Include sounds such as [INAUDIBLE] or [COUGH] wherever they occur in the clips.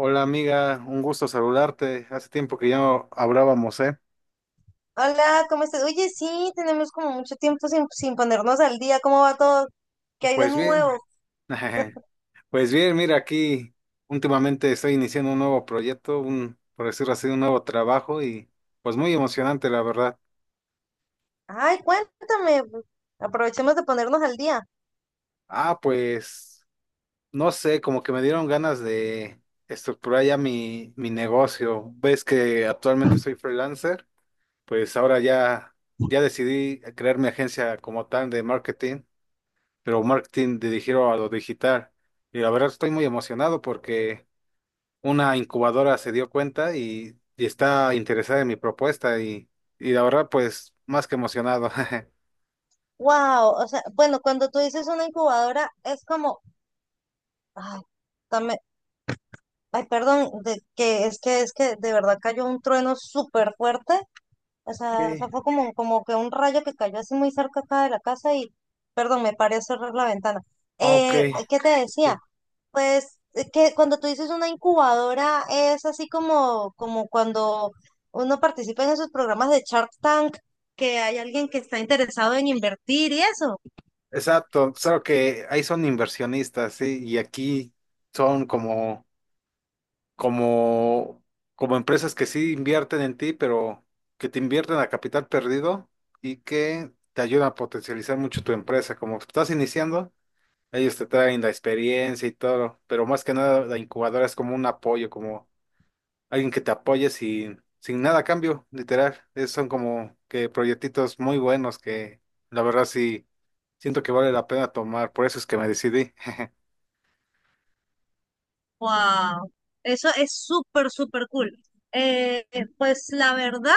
Hola amiga, un gusto saludarte. Hace tiempo que ya no hablábamos, ¿eh? Hola, ¿cómo estás? Oye, sí, tenemos como mucho tiempo sin ponernos al día. ¿Cómo va todo? ¿Qué hay de Pues nuevo? bien, [LAUGHS] pues bien, mira aquí, últimamente estoy iniciando un nuevo proyecto, un, por decirlo así, un nuevo trabajo y pues muy emocionante, la verdad. Ay, cuéntame, pues. Aprovechemos de ponernos al día. Ah, pues no sé, como que me dieron ganas de estructurar ya mi negocio. Ves que actualmente soy freelancer, pues ahora ya, ya decidí crear mi agencia como tal de marketing. Pero marketing dirigido a lo digital. Y la verdad estoy muy emocionado porque una incubadora se dio cuenta y está interesada en mi propuesta y la verdad pues más que emocionado. [LAUGHS] Wow, o sea, bueno, cuando tú dices una incubadora es como, ay, dame, ay, perdón, de que es que de verdad cayó un trueno súper fuerte. O sea, Sí, fue como que un rayo que cayó así muy cerca acá de la casa y, perdón, me paré a cerrar la ventana. ok, ¿Qué te decía? sí. Pues que cuando tú dices una incubadora es así como cuando uno participa en esos programas de Shark Tank, que hay alguien que está interesado en invertir y eso. Exacto, solo que ahí son inversionistas, sí, y aquí son como, como empresas que sí invierten en ti, pero que te invierten a capital perdido y que te ayudan a potencializar mucho tu empresa. Como estás iniciando, ellos te traen la experiencia y todo, pero más que nada la incubadora es como un apoyo, como alguien que te apoye sin nada a cambio, literal. Es- son como que proyectitos muy buenos que la verdad sí siento que vale la pena tomar, por eso es que me decidí. [LAUGHS] ¡Wow! Eso es súper, súper cool. Pues la verdad,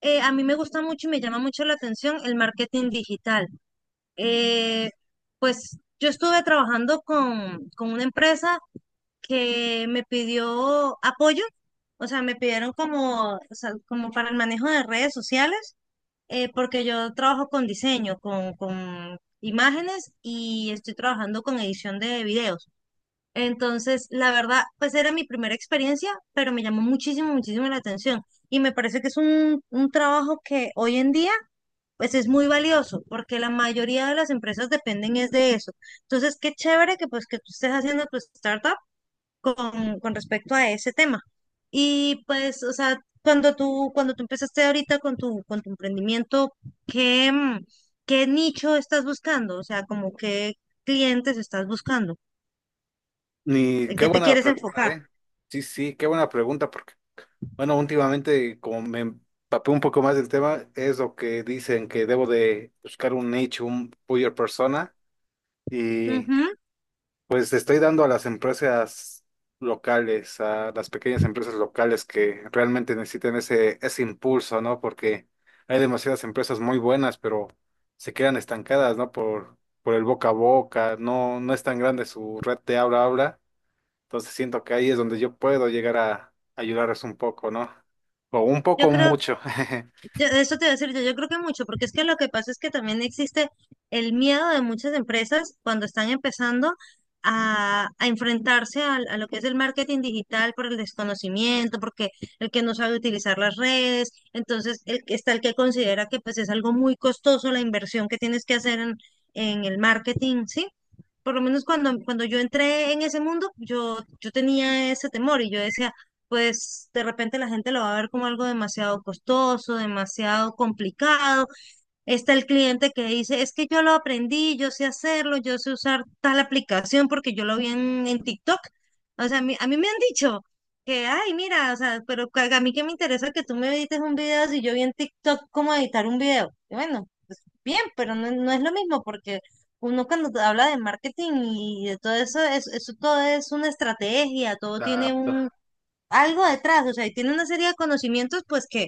a mí me gusta mucho y me llama mucho la atención el marketing digital. Eh, pues yo estuve trabajando con una empresa que me pidió apoyo, o sea, me pidieron como, o sea, como para el manejo de redes sociales, porque yo trabajo con diseño, con imágenes y estoy trabajando con edición de videos. Entonces, la verdad, pues era mi primera experiencia, pero me llamó muchísimo, muchísimo la atención y me parece que es un trabajo que hoy en día, pues es muy valioso, porque la mayoría de las empresas dependen es de eso. Entonces, qué chévere que pues que tú estés haciendo tu startup con respecto a ese tema. Y pues, o sea, cuando tú empezaste ahorita con tu emprendimiento, ¿qué, mm, qué nicho estás buscando? O sea, como qué clientes estás buscando, Ni en qué qué te buena quieres pregunta, enfocar. ¿eh? Sí, sí, qué buena pregunta, porque bueno, últimamente como me empapé un poco más del tema, es lo que dicen que debo de buscar un nicho, un buyer persona. Y Ujú. pues estoy dando a las empresas locales, a las pequeñas empresas locales que realmente necesitan ese impulso, ¿no? Porque hay demasiadas empresas muy buenas, pero se quedan estancadas, ¿no? Por el boca a boca, no, no es tan grande su red de habla a habla. Entonces siento que ahí es donde yo puedo llegar a ayudarles un poco, ¿no? O un poco Yo o creo mucho. [LAUGHS] Eso te voy a decir yo creo que mucho, porque es que lo que pasa es que también existe el miedo de muchas empresas cuando están empezando a enfrentarse a lo que es el marketing digital por el desconocimiento, porque el que no sabe utilizar las redes, entonces está el que considera que pues es algo muy costoso la inversión que tienes que hacer en el marketing, ¿sí? Por lo menos cuando yo entré en ese mundo, yo tenía ese temor y yo decía, pues de repente la gente lo va a ver como algo demasiado costoso, demasiado complicado. Está el cliente que dice, es que yo lo aprendí, yo sé hacerlo, yo sé usar tal aplicación porque yo lo vi en TikTok. O sea, a mí me han dicho que, ay, mira, o sea, pero a mí que me interesa que tú me edites un video si yo vi en TikTok cómo editar un video. Y bueno, pues bien, pero no, no es lo mismo porque uno cuando te habla de marketing y de todo eso, es- eso todo es una estrategia, todo tiene Adapto, un algo detrás, o sea, y tiene una serie de conocimientos, pues que,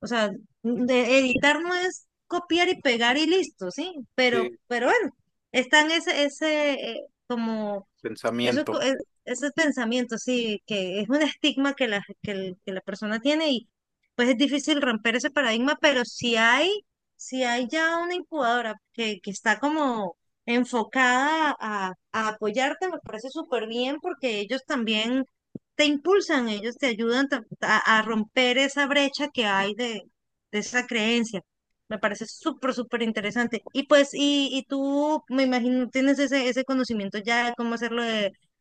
o sea, de editar no es copiar y pegar y listo, ¿sí? Pero, sí, pero bueno, está en ese, ese, como eso, pensamiento. Ese pensamiento, sí, que es un estigma que la, que, que la persona tiene y pues es difícil romper ese paradigma, pero si hay, si hay ya una incubadora que está como enfocada a apoyarte, me parece súper bien porque ellos también te impulsan, ellos te ayudan a romper esa brecha que hay de esa creencia. Me parece súper, súper interesante. Y pues, y tú, me imagino, tienes ese conocimiento ya de cómo hacerlo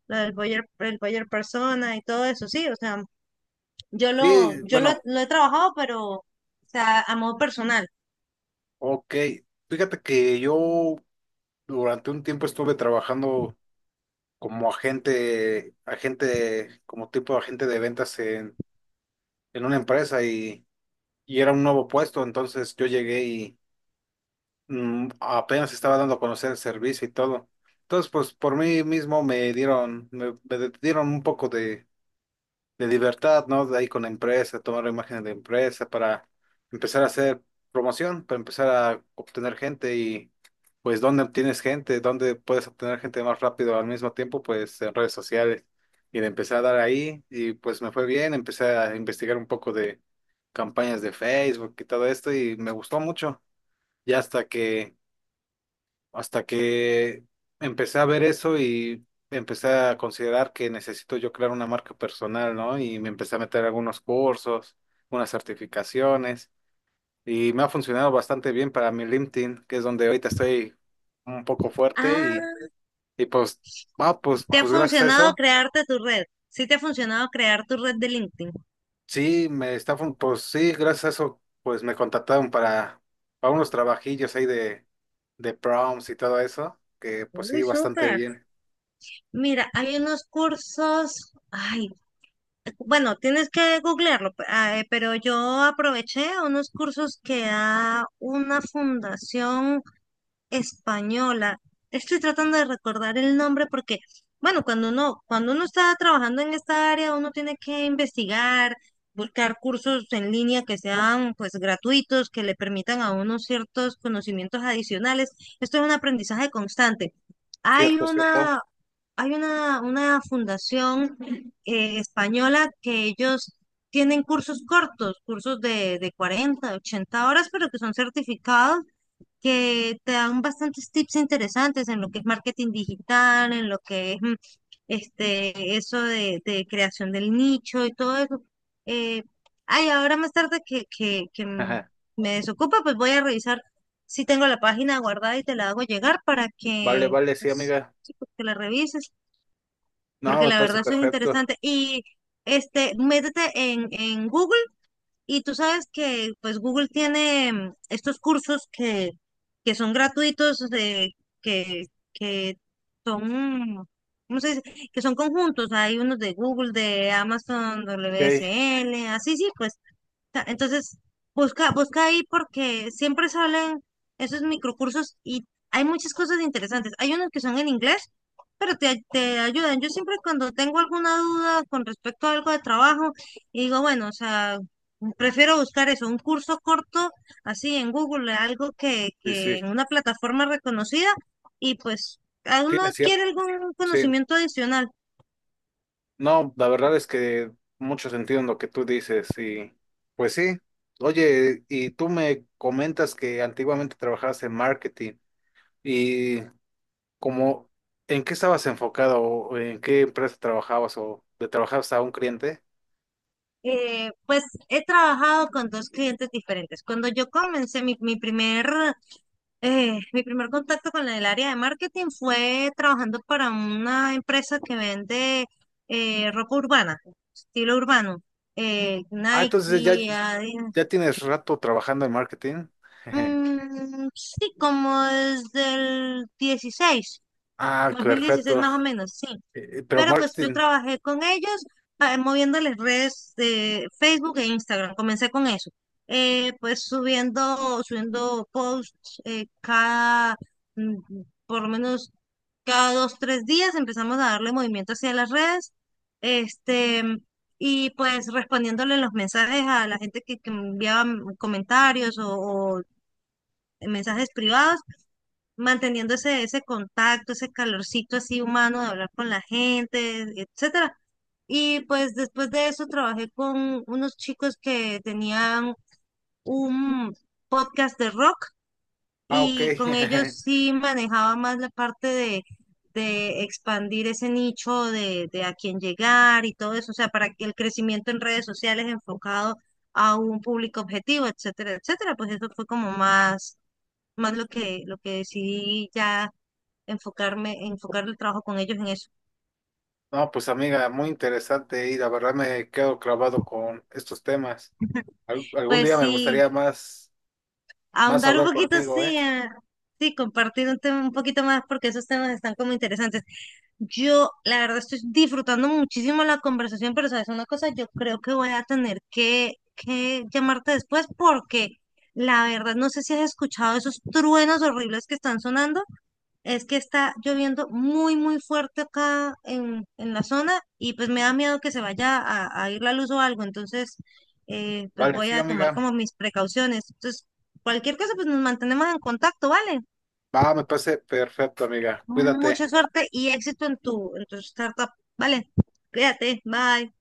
lo del Boyer, el Boyer Persona y todo eso, sí, o sea, yo Sí, lo, yo lo, bueno, lo he trabajado, pero, o sea, a modo personal. ok. Fíjate que yo durante un tiempo estuve trabajando como agente, como tipo de agente de ventas en una empresa y era un nuevo puesto, entonces yo llegué y apenas estaba dando a conocer el servicio y todo. Entonces, pues por mí mismo me dieron, me dieron un poco de libertad, ¿no? De ahí con la empresa, tomar imágenes de empresa para empezar a hacer promoción, para empezar a obtener gente y pues dónde obtienes gente, dónde puedes obtener gente más rápido al mismo tiempo, pues en redes sociales. Y le empecé a dar ahí y pues me fue bien, empecé a investigar un poco de campañas de Facebook y todo esto y me gustó mucho. Ya hasta que empecé a ver eso y empecé a considerar que necesito yo crear una marca personal, ¿no? Y me empecé a meter algunos cursos, unas certificaciones y me ha funcionado bastante bien para mi LinkedIn, que es donde ahorita estoy un poco fuerte Ah, y pues, ah, pues, ¿te ha pues gracias a funcionado eso, crearte tu red? Sí, te ha funcionado crear tu red de LinkedIn. sí, me está, fun- pues sí, gracias a eso, pues me contactaron para unos trabajillos ahí de proms y todo eso, que pues sí, Uy, bastante súper. bien. Mira, hay unos cursos, ay, bueno, tienes que googlearlo, pero yo aproveché unos cursos que da una fundación española. Estoy tratando de recordar el nombre porque, bueno, cuando uno está trabajando en esta área, uno tiene que investigar, buscar cursos en línea que sean pues gratuitos, que le permitan a uno ciertos conocimientos adicionales. Esto es un aprendizaje constante. Hay Cierto, cierto. una, hay una fundación española que ellos tienen cursos cortos, cursos de 40 80 horas, pero que son certificados que te dan bastantes tips interesantes en lo que es marketing digital, en lo que es este, eso de creación del nicho y todo eso. Eh, Ay, ahora más tarde que [LAUGHS] me desocupa, pues voy a revisar si tengo la página guardada y te la hago llegar para Vale, que, vale, sí, pues, amiga. sí, pues, que la revises, No, porque me la parece verdad eso es perfecto. interesante. Y este, métete en Google y tú sabes que pues Google tiene estos cursos que son gratuitos, de, que, que son, ¿cómo se dice? Que son conjuntos. Hay unos de Google, de Amazon, Ok, WSL, así sí, pues. Entonces, busca, busca ahí porque siempre salen esos microcursos y hay muchas cosas interesantes. Hay unos que son en inglés, pero te ayudan. Yo siempre cuando tengo alguna duda con respecto a algo de trabajo, y digo, bueno, o sea, prefiero buscar eso, un curso corto así en Google, algo sí, que en sí. una plataforma reconocida y pues a Sí, uno es cierto, adquiere algún sí. conocimiento adicional. No, la verdad es que mucho sentido en lo que tú dices y pues sí. Oye, y tú me comentas que antiguamente trabajabas en marketing y como, ¿en qué estabas enfocado o en qué empresa trabajabas o le trabajabas a un cliente? Pues he trabajado con dos clientes diferentes. Cuando yo comencé mi primer contacto con el área de marketing fue trabajando para una empresa que vende ropa urbana, estilo urbano, Ah, entonces ya, Nike, Adidas. ya tienes rato trabajando en marketing. [LAUGHS] Mm, sí, como desde el 16, Ah, 2016 perfecto. más o menos, sí. Pero Pero pues yo marketing, trabajé con ellos moviéndoles redes de Facebook e Instagram. Comencé con eso. Pues subiendo posts mm, por lo menos cada 2, 3 días empezamos a darle movimiento hacia las redes. Este, y pues respondiéndole los mensajes a la gente que me enviaba comentarios o mensajes privados manteniendo ese contacto, ese calorcito así humano de hablar con la gente, etcétera. Y pues después de eso trabajé con unos chicos que tenían un podcast de rock ah, ok. y con ellos [LAUGHS] sí manejaba más la parte de expandir ese nicho de a quién llegar y todo eso, o sea, para que el crecimiento en redes sociales enfocado a un público objetivo, etcétera, etcétera. Pues eso fue como más lo que decidí ya enfocarme, enfocar el trabajo con ellos en eso. No, pues amiga, muy interesante y la verdad me quedo clavado con estos temas. Al- algún Pues día me sí, gustaría más, más ahondar un hablar poquito, contigo, ¿eh? sí, sí, compartir un tema un poquito más porque esos temas están como interesantes. Yo, la verdad, estoy disfrutando muchísimo la conversación, pero sabes una cosa, yo creo que voy a tener que llamarte después porque la verdad no sé si has escuchado esos truenos horribles que están sonando. Es que está lloviendo muy, muy fuerte acá en la zona y pues me da miedo que se vaya a ir la luz o algo. Entonces, pues Vale, voy sí, a tomar amiga. como mis precauciones. Entonces, cualquier cosa, pues nos mantenemos en contacto, ¿vale? Va, me parece perfecto, amiga. Mucha Cuídate. suerte y éxito en tu startup, ¿vale? Cuídate, bye.